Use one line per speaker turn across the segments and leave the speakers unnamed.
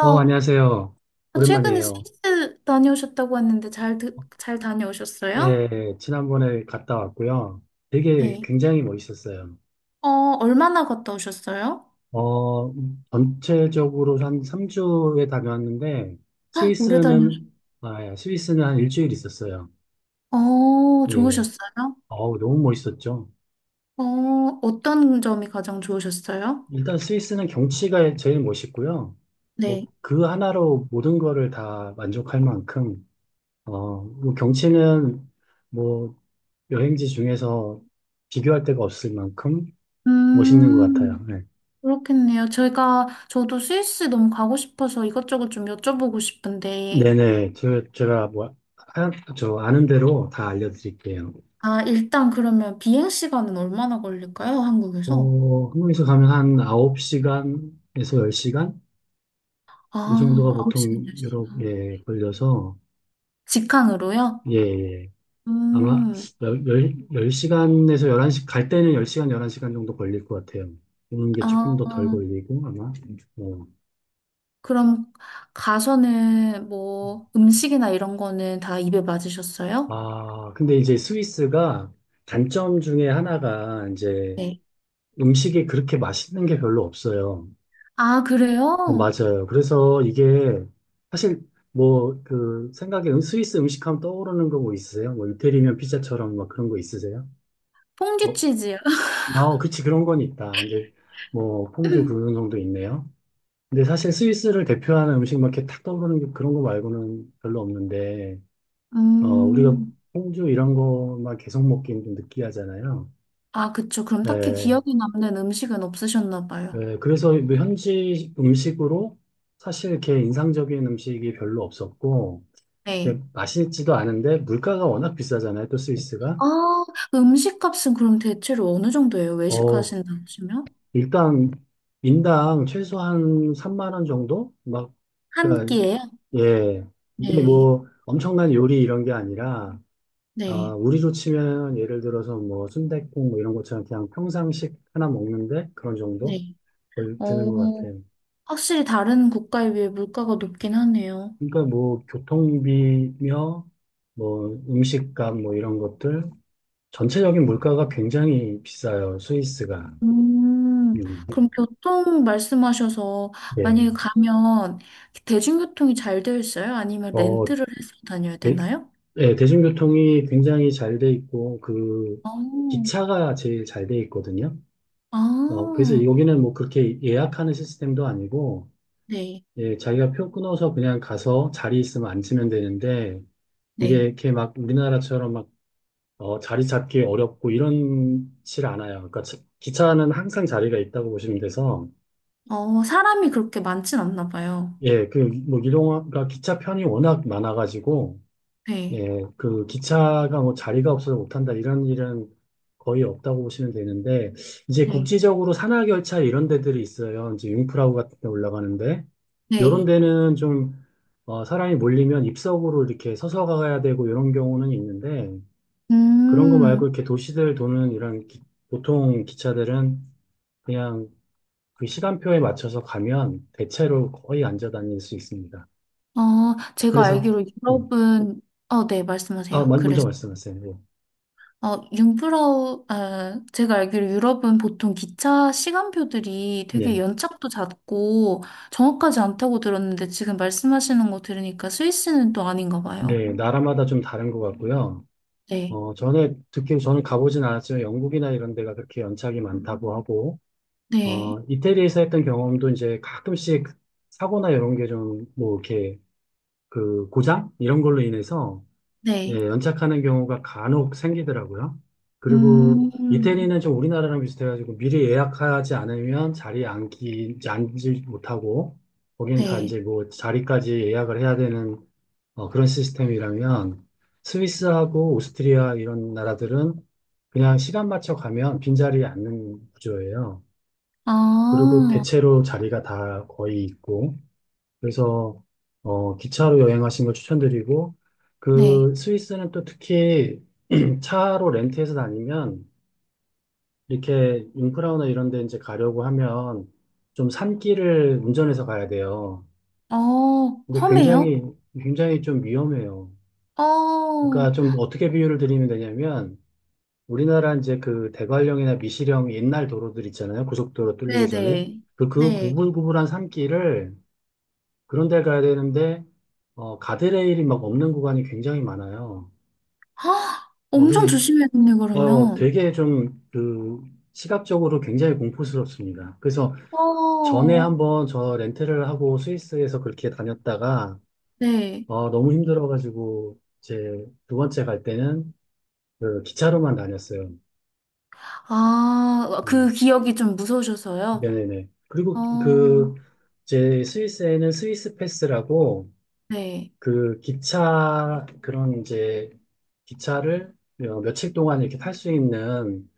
안녕하세요.
아, 최근에
오랜만이에요.
스위스 다녀오셨다고 했는데 잘, 잘 다녀오셨어요?
예, 지난번에 갔다 왔고요. 되게
네.
굉장히 멋있었어요.
어, 얼마나 갔다 오셨어요?
어, 전체적으로 한 3주에 다녀왔는데,
헉, 오래 다녀오셨어요.
스위스는, 아, 예, 스위스는 한 1주일 있었어요.
어,
예,
좋으셨어요?
어우, 너무 멋있었죠.
어, 어떤 점이 가장 좋으셨어요?
일단 스위스는 경치가 제일 멋있고요.
네.
뭐, 그 하나로 모든 거를 다 만족할 만큼, 경치는 뭐, 여행지 중에서 비교할 데가 없을 만큼 멋있는 것
음,
같아요. 네.
그렇겠네요. 저도 스위스 너무 가고 싶어서 이것저것 좀 여쭤보고 싶은데,
네네. 제가 뭐, 아, 저 아는 대로 다 알려드릴게요.
아, 일단 그러면 비행 시간은 얼마나 걸릴까요? 한국에서?
한국에서 가면 한 9시간에서 10시간? 이 정도가
아, 9시간,
보통
시간
유럽에 걸려서,
직항으로요?
예, 예. 아마
음,
10, 시간에서 11시, 갈 때는 10시간, 11시간 정도 걸릴 것 같아요. 오는 게 조금
아,
더 덜 걸리고, 아마. 어.
그럼 가서는 뭐 음식이나 이런 거는 다 입에 맞으셨어요?
아, 근데 이제 스위스가 단점 중에 하나가 이제
네.
음식이 그렇게 맛있는 게 별로 없어요.
아, 그래요?
맞아요. 그래서 이게 사실 뭐 그 생각에 스위스 음식하면 떠오르는 거 뭐 있으세요? 뭐 이태리면 피자처럼 막 그런 거 있으세요?
퐁듀
어,
치즈요?
아, 그치 그런 건 있다. 이제 뭐 퐁듀 그런 정도 있네요. 근데 사실 스위스를 대표하는 음식 막 이렇게 탁 떠오르는 게 그런 거 말고는 별로 없는데 우리가
음,
퐁듀 이런 거만 계속 먹기는 좀 느끼하잖아요.
아, 그쵸. 그럼 딱히
네,
기억에 남는 음식은 없으셨나 봐요.
네, 그래서 뭐 현지 음식으로 사실 이렇게 인상적인 음식이 별로 없었고. 이게
네.
맛있지도 않은데 물가가 워낙 비싸잖아요. 또 스위스가.
아, 음식 값은 그럼 대체로 어느 정도예요?
어,
외식하신다 하시면?
일단 인당 최소한 3만 원 정도? 막
한
그러니까
끼예요?
예. 이게
네,
뭐 엄청난 요리 이런 게 아니라 아,
네,
우리로 치면 예를 들어서 뭐 순댓국 뭐 이런 것처럼 그냥 평상식 하나 먹는데 그런 정도
네.
걸 드는 것
어,
같아요.
확실히 다른 국가에 비해 물가가 높긴 하네요.
그러니까 뭐 교통비며 뭐 음식값 뭐 이런 것들 전체적인 물가가 굉장히 비싸요. 스위스가.
음,
음.
그럼 교통 말씀하셔서
네.
만약에 가면 대중교통이 잘 되어 있어요? 아니면
어,
렌트를 해서 다녀야
대,
되나요?
네, 대중교통이 굉장히 잘 돼 있고, 그,
어,
기차가 제일 잘 돼 있거든요. 어, 그래서
아,
여기는 뭐 그렇게 예약하는 시스템도 아니고,
네,
예, 자기가 표 끊어서 그냥 가서 자리 있으면 앉으면 되는데, 이게
네.
이렇게 막 우리나라처럼 막, 어, 자리 잡기 어렵고 이런질 않아요. 그러니까 기차는 항상 자리가 있다고 보시면 돼서,
어, 사람이 그렇게 많진 않나 봐요.
예, 그, 뭐, 이동가 기차 편이 워낙 많아가지고,
네,
예, 그 기차가 뭐 자리가 없어서 못한다 이런 일은 거의 없다고 보시면 되는데 이제
네,
국지적으로 산악열차 이런 데들이 있어요. 이제 융프라우 같은 데 올라가는데 요런
네.
데는 좀 어, 사람이 몰리면 입석으로 이렇게 서서 가야 되고 이런 경우는 있는데 그런 거 말고
음,
이렇게 도시들 도는 이런 보통 기차들은 그냥 그 시간표에 맞춰서 가면 대체로 거의 앉아 다닐 수 있습니다.
어, 제가
그래서
알기로
음.
유럽은, 어, 네, 말씀하세요.
먼저
그래서.
말씀하세요.
어, 융프라우, 아, 제가 알기로 유럽은 보통 기차 시간표들이 되게
예.
연착도 잦고 정확하지 않다고 들었는데 지금 말씀하시는 거 들으니까 스위스는 또 아닌가 봐요.
네, 나라마다 좀 다른 것 같고요.
네,
어, 전에 듣긴 저는 가보진 않았지만 영국이나 이런 데가 그렇게 연착이 많다고 하고, 어,
네,
이태리에서 했던 경험도 이제 가끔씩 사고나 이런 게 좀 뭐 이렇게 그 고장? 이런 걸로 인해서
네.
예, 연착하는 경우가 간혹 생기더라고요. 그리고
음, 음,
이태리는 좀 우리나라랑 비슷해가지고 미리 예약하지 않으면 자리에 앉지 못하고 거기는 다
네.
이제 뭐 자리까지 예약을 해야 되는 어, 그런 시스템이라면 스위스하고 오스트리아 이런 나라들은 그냥 시간 맞춰 가면 빈자리에 앉는 구조예요. 그리고
아,
대체로 자리가 다 거의 있고 그래서 어, 기차로 여행하신 걸 추천드리고
네.
그 스위스는 또 특히 차로 렌트해서 다니면 이렇게 융프라우나 이런 데 이제 가려고 하면 좀 산길을 운전해서 가야 돼요.
어,
근데
험해요?
굉장히 굉장히 좀 위험해요.
어,
그러니까 좀 어떻게 비유를 드리면 되냐면 우리나라 이제 그 대관령이나 미시령 옛날 도로들 있잖아요. 고속도로 뚫리기 전에
네네.
그
네.
구불구불한 산길을 그런 데 가야 되는데, 어, 가드레일이 막 없는 구간이 굉장히 많아요.
아, 엄청
그래서,
조심해야겠네,
어,
그러면.
되게 좀, 그, 시각적으로 굉장히 공포스럽습니다. 그래서 전에
어,
한번 저 렌트를 하고 스위스에서 그렇게 다녔다가,
네.
어, 너무 힘들어가지고, 제 2번째 갈 때는 그 기차로만 다녔어요.
아, 어, 그
음,
기억이 좀 무서우셔서요?
네네네.
어,
그리고 그, 제 스위스에는 스위스 패스라고,
네,
그 기차 그런 이제 기차를 어, 며칠 동안 이렇게 탈 수 있는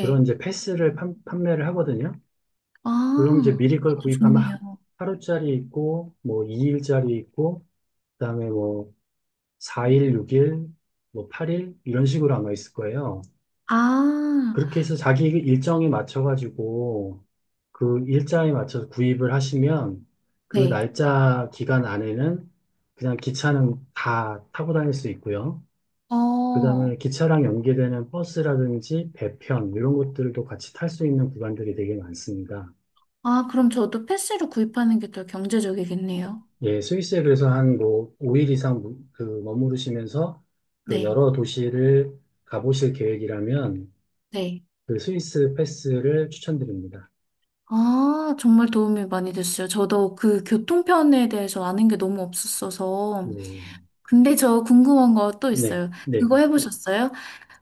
그런 이제 패스를 판매를 하거든요. 그럼 이제
아,
미리 걸
그것도
구입하면 하,
좋네요.
하루짜리 있고 뭐 2일짜리 있고 그다음에 뭐 4일, 6일, 뭐 8일 이런 식으로 아마 있을 거예요.
아,
그렇게 해서 자기 일정에 맞춰가지고 그 일자에 맞춰서 구입을 하시면 그
네.
날짜 기간 안에는 그냥 기차는 다 타고 다닐 수 있고요. 그다음에
어,
기차랑 연계되는 버스라든지 배편 이런 것들도 같이 탈 수 있는 구간들이 되게 많습니다.
아, 그럼 저도 패스로 구입하는 게 더 경제적이겠네요.
예, 스위스에 그래서 한뭐 5일 이상 그 머무르시면서 그
네,
여러 도시를 가보실 계획이라면
네.
그 스위스 패스를 추천드립니다.
아, 정말 도움이 많이 됐어요. 저도 그 교통편에 대해서 아는 게 너무 없었어서.
네,
근데 저 궁금한 거 또
네,
있어요.
네.
그거 해보셨어요?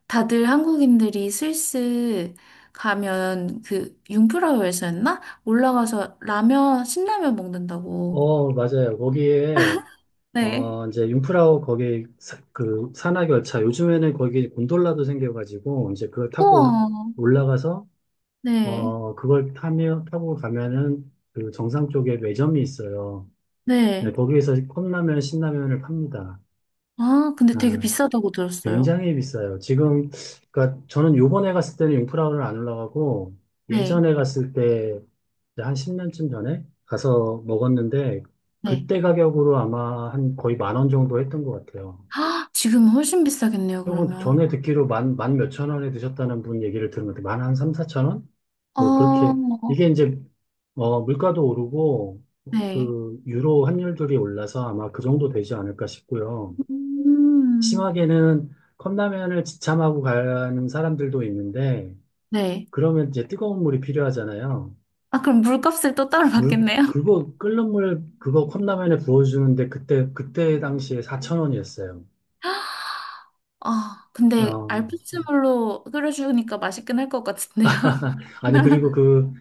다들 한국인들이 스위스 가면 그 융프라우에서였나? 올라가서 라면, 신라면 먹는다고.
어, 맞아요. 거기에
네.
이제 융프라우 거기 그 산악열차 요즘에는 거기 곤돌라도 생겨가지고 이제 그걸 타고
우와.
올라가서
네,
어, 그걸 타고 가면은 그 정상 쪽에 매점이 있어요. 네,
네.
거기에서 컵라면, 신라면을 팝니다.
아, 근데 되게
아,
비싸다고 들었어요.
굉장히 비싸요. 지금, 그니까 저는 요번에 갔을 때는 융프라우를 안 올라가고
네,
예전에 갔을 때 한 10년쯤 전에 가서 먹었는데
네.
그때 가격으로 아마 한 거의 10000원 정도 했던 것 같아요.
아, 지금은 훨씬 비싸겠네요,
조금
그러면.
전에 듣기로 만 몇천 원에 드셨다는 분 얘기를 들은 것 같아요. 만한 3000~4000원? 뭐
아,
그렇게. 이게 이제, 어, 물가도 오르고,
네.
그, 유로 환율들이 올라서 아마 그 정도 되지 않을까 싶고요.
음,
심하게는 컵라면을 지참하고 가는 사람들도 있는데,
네.
그러면 이제 뜨거운 물이 필요하잖아요.
아, 그럼 물값을 또 따로
물,
받겠네요?
그거, 끓는 물, 그거 컵라면에 부어주는데 그때 당시에 사천 원이었어요.
아, 근데
어.
알프스물로 끓여주니까 맛있긴 할 것 같은데요.
아니, 그리고 그,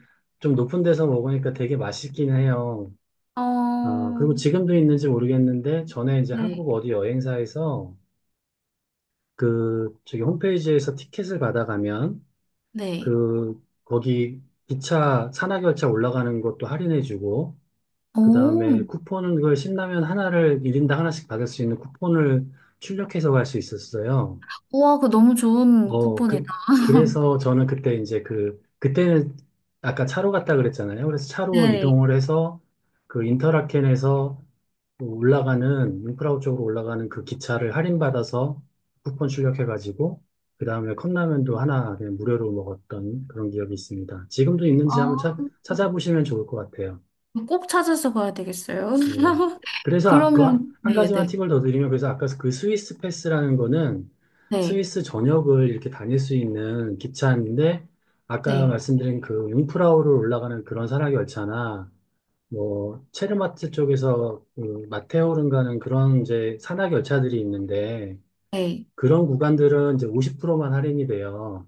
좀 높은 데서 먹으니까 되게 맛있긴 해요. 아,
어,
그리고 지금도 있는지 모르겠는데, 전에 이제
네.
한국 어디 여행사에서 그, 저기 홈페이지에서 티켓을 받아가면,
네.
그, 거기 기차, 산악열차 올라가는 것도 할인해주고, 그
오,
다음에 쿠폰은 그 신라면 하나를 1인당 하나씩 받을 수 있는 쿠폰을 출력해서 갈 수 있었어요.
우와, 그 너무 좋은
어, 그,
쿠폰이다.
그래서 저는 그때 이제 그, 그때는 아까 차로 갔다 그랬잖아요. 그래서 차로
네.
이동을 해서 그 인터라켄에서 올라가는, 융프라우 쪽으로 올라가는 그 기차를 할인받아서 쿠폰 출력해가지고, 그 다음에 컵라면도 하나 그냥 무료로 먹었던 그런 기억이 있습니다. 지금도
아,
있는지 한번 찾아보시면 좋을 것 같아요.
꼭 찾아서 가야 되겠어요.
네네. 그래서
그러면,
한
네,
가지만
네,
팁을 더 드리면 그래서 아까 그 스위스 패스라는 거는
네,
스위스 전역을 이렇게 다닐 수 있는 기차인데 아까
네,
말씀드린 그 융프라우를 올라가는 그런 산악 열차나 뭐 체르마트 쪽에서 그 마테오른 가는 그런 이제 산악 열차들이 있는데
네,
그런 구간들은 이제 50%만 할인이 돼요.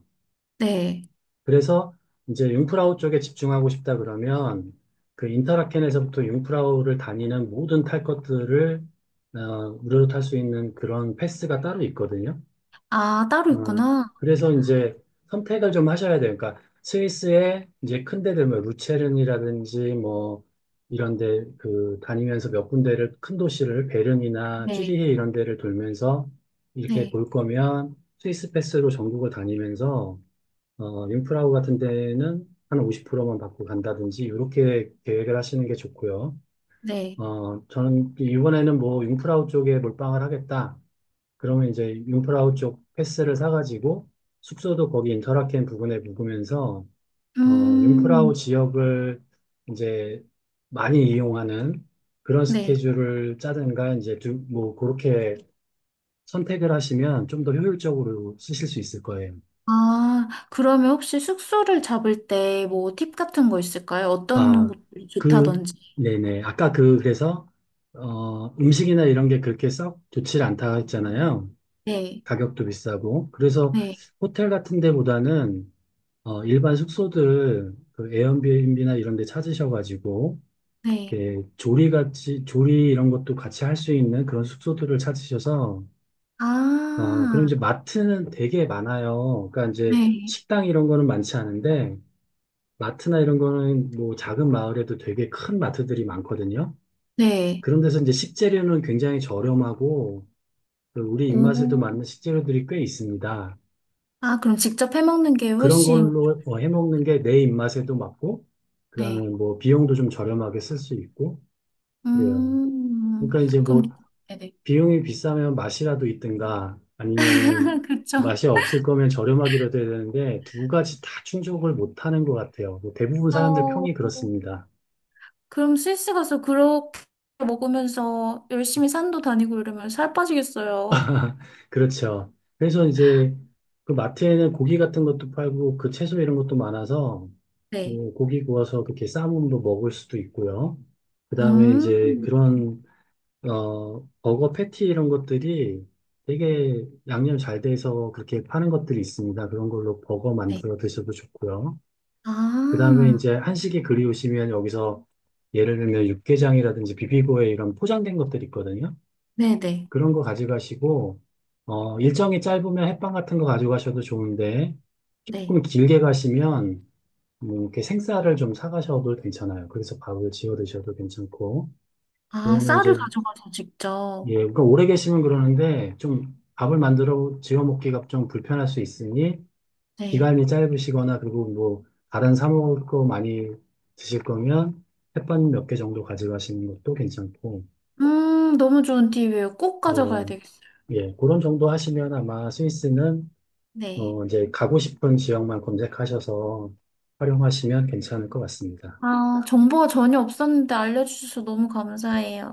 네.
그래서 이제 융프라우 쪽에 집중하고 싶다 그러면 그 인터라켄에서부터 융프라우를 다니는 모든 탈 것들을 어, 무료로 탈 수 있는 그런 패스가 따로 있거든요.
아, 따로
어,
있구나.
그래서 이제 선택을 좀 하셔야 돼요. 그러니까 스위스의 이제 큰 데들 뭐 루체른이라든지 뭐 이런 데 그 다니면서 몇 군데를 큰 도시를 베른이나
네,
취리히 이런 데를 돌면서 이렇게
네,
볼 거면 스위스 패스로 전국을 다니면서 어, 융프라우 같은 데는 한 50%만 받고 간다든지 이렇게 계획을 하시는 게 좋고요.
네.
어, 저는 이번에는 뭐 융프라우 쪽에 몰빵을 하겠다. 그러면 이제 융프라우 쪽 패스를 사가지고 숙소도 거기 인터라켄 부근에 묵으면서 어, 융프라우
음,
지역을 이제 많이 이용하는 그런
네.
스케줄을 짜든가 이제 두, 뭐 그렇게 선택을 하시면 좀 더 효율적으로 쓰실 수 있을 거예요.
아, 그러면 혹시 숙소를 잡을 때 뭐 팁 같은 거 있을까요? 어떤
아,
곳이
그,
좋다든지.
네네. 아까 그, 그래서, 어, 음식이나 이런 게 그렇게 썩 좋지 않다 했잖아요.
네,
가격도 비싸고. 그래서
네,
호텔 같은 데보다는, 어, 일반 숙소들, 그 에어비앤비나 이런 데 찾으셔가지고,
네.
이렇게 조리 이런 것도 같이 할 수 있는 그런 숙소들을 찾으셔서, 어, 그럼
아,
이제 마트는 되게 많아요. 그러니까 이제
네,
식당 이런 거는 많지 않은데, 마트나 이런 거는 뭐 작은 마을에도 되게 큰 마트들이 많거든요.
네.
그런 데서 이제 식재료는 굉장히 저렴하고 그 우리 입맛에도
오.
맞는 식재료들이 꽤 있습니다.
아, 그럼 직접 해먹는 게
그런
훨씬,
걸로 어, 해먹는 게 내 입맛에도 맞고, 그다음에
네.
뭐 비용도 좀 저렴하게 쓸 수 있고, 그래요.
음,
그러니까 이제
그럼,
뭐
네네.
비용이 비싸면 맛이라도 있든가 아니면은
그쵸.
맛이 없을 거면 저렴하기라도 해야 되는데 두 가지 다 충족을 못 하는 것 같아요. 뭐 대부분 사람들
어,
평이 그렇습니다.
그럼 스위스 가서 그렇게 먹으면서 열심히 산도 다니고 이러면 살 빠지겠어요.
그렇죠. 그래서 이제 그 마트에는 고기 같은 것도 팔고 그 채소 이런 것도 많아서
네.
뭐 고기 구워서 그렇게 삶으로 먹을 수도 있고요. 그다음에 이제
음,
그런 버거 패티 이런 것들이 되게 양념 잘 돼서 그렇게 파는 것들이 있습니다. 그런 걸로 버거
네.
만들어 드셔도 좋고요. 그다음에
아,
이제 한식이 그리우시면 여기서 예를 들면 육개장이라든지 비비고에 이런 포장된 것들이 있거든요.
네네.
그런 거 가져가시고, 어, 일정이 짧으면 햇반 같은 거 가져가셔도 좋은데,
네.
조금 길게 가시면, 뭐, 이렇게 생쌀을 좀 사가셔도 괜찮아요. 그래서 밥을 지어 드셔도 괜찮고,
아,
그거는
쌀을
이제,
가져가서
예,
직접.
그러니까 오래 계시면 그러는데, 좀 밥을 만들어 지어 먹기가 좀 불편할 수 있으니,
네.
기간이 짧으시거나, 그리고 뭐, 다른 사 먹을 거 많이 드실 거면, 햇반 몇 개 정도 가져가시는 것도 괜찮고,
너무 좋은 팁이에요. 꼭 가져가야
예,
되겠어요.
예, 그런 정도 하시면 아마 스위스는
네.
어, 이제 가고 싶은 지역만 검색하셔서 활용하시면 괜찮을 것 같습니다.
아, 정보가 전혀 없었는데 알려주셔서 너무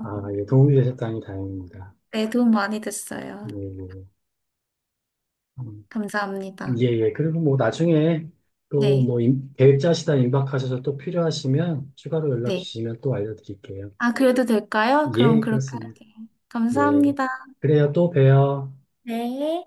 아, 예, 도움이 되셨다니 다행입니다.
네, 도움 많이 됐어요.
예, 예, 음, 예,
감사합니다.
예. 그리고 뭐 나중에 또
네,
뭐 계획 짜시다 임박하셔서 또 필요하시면 추가로 연락
네.
주시면 또 알려드릴게요.
아, 그래도 될까요? 그럼
예,
그렇게
그렇습니다.
할게요.
예.
감사합니다.
그래요, 또 봬요.
네.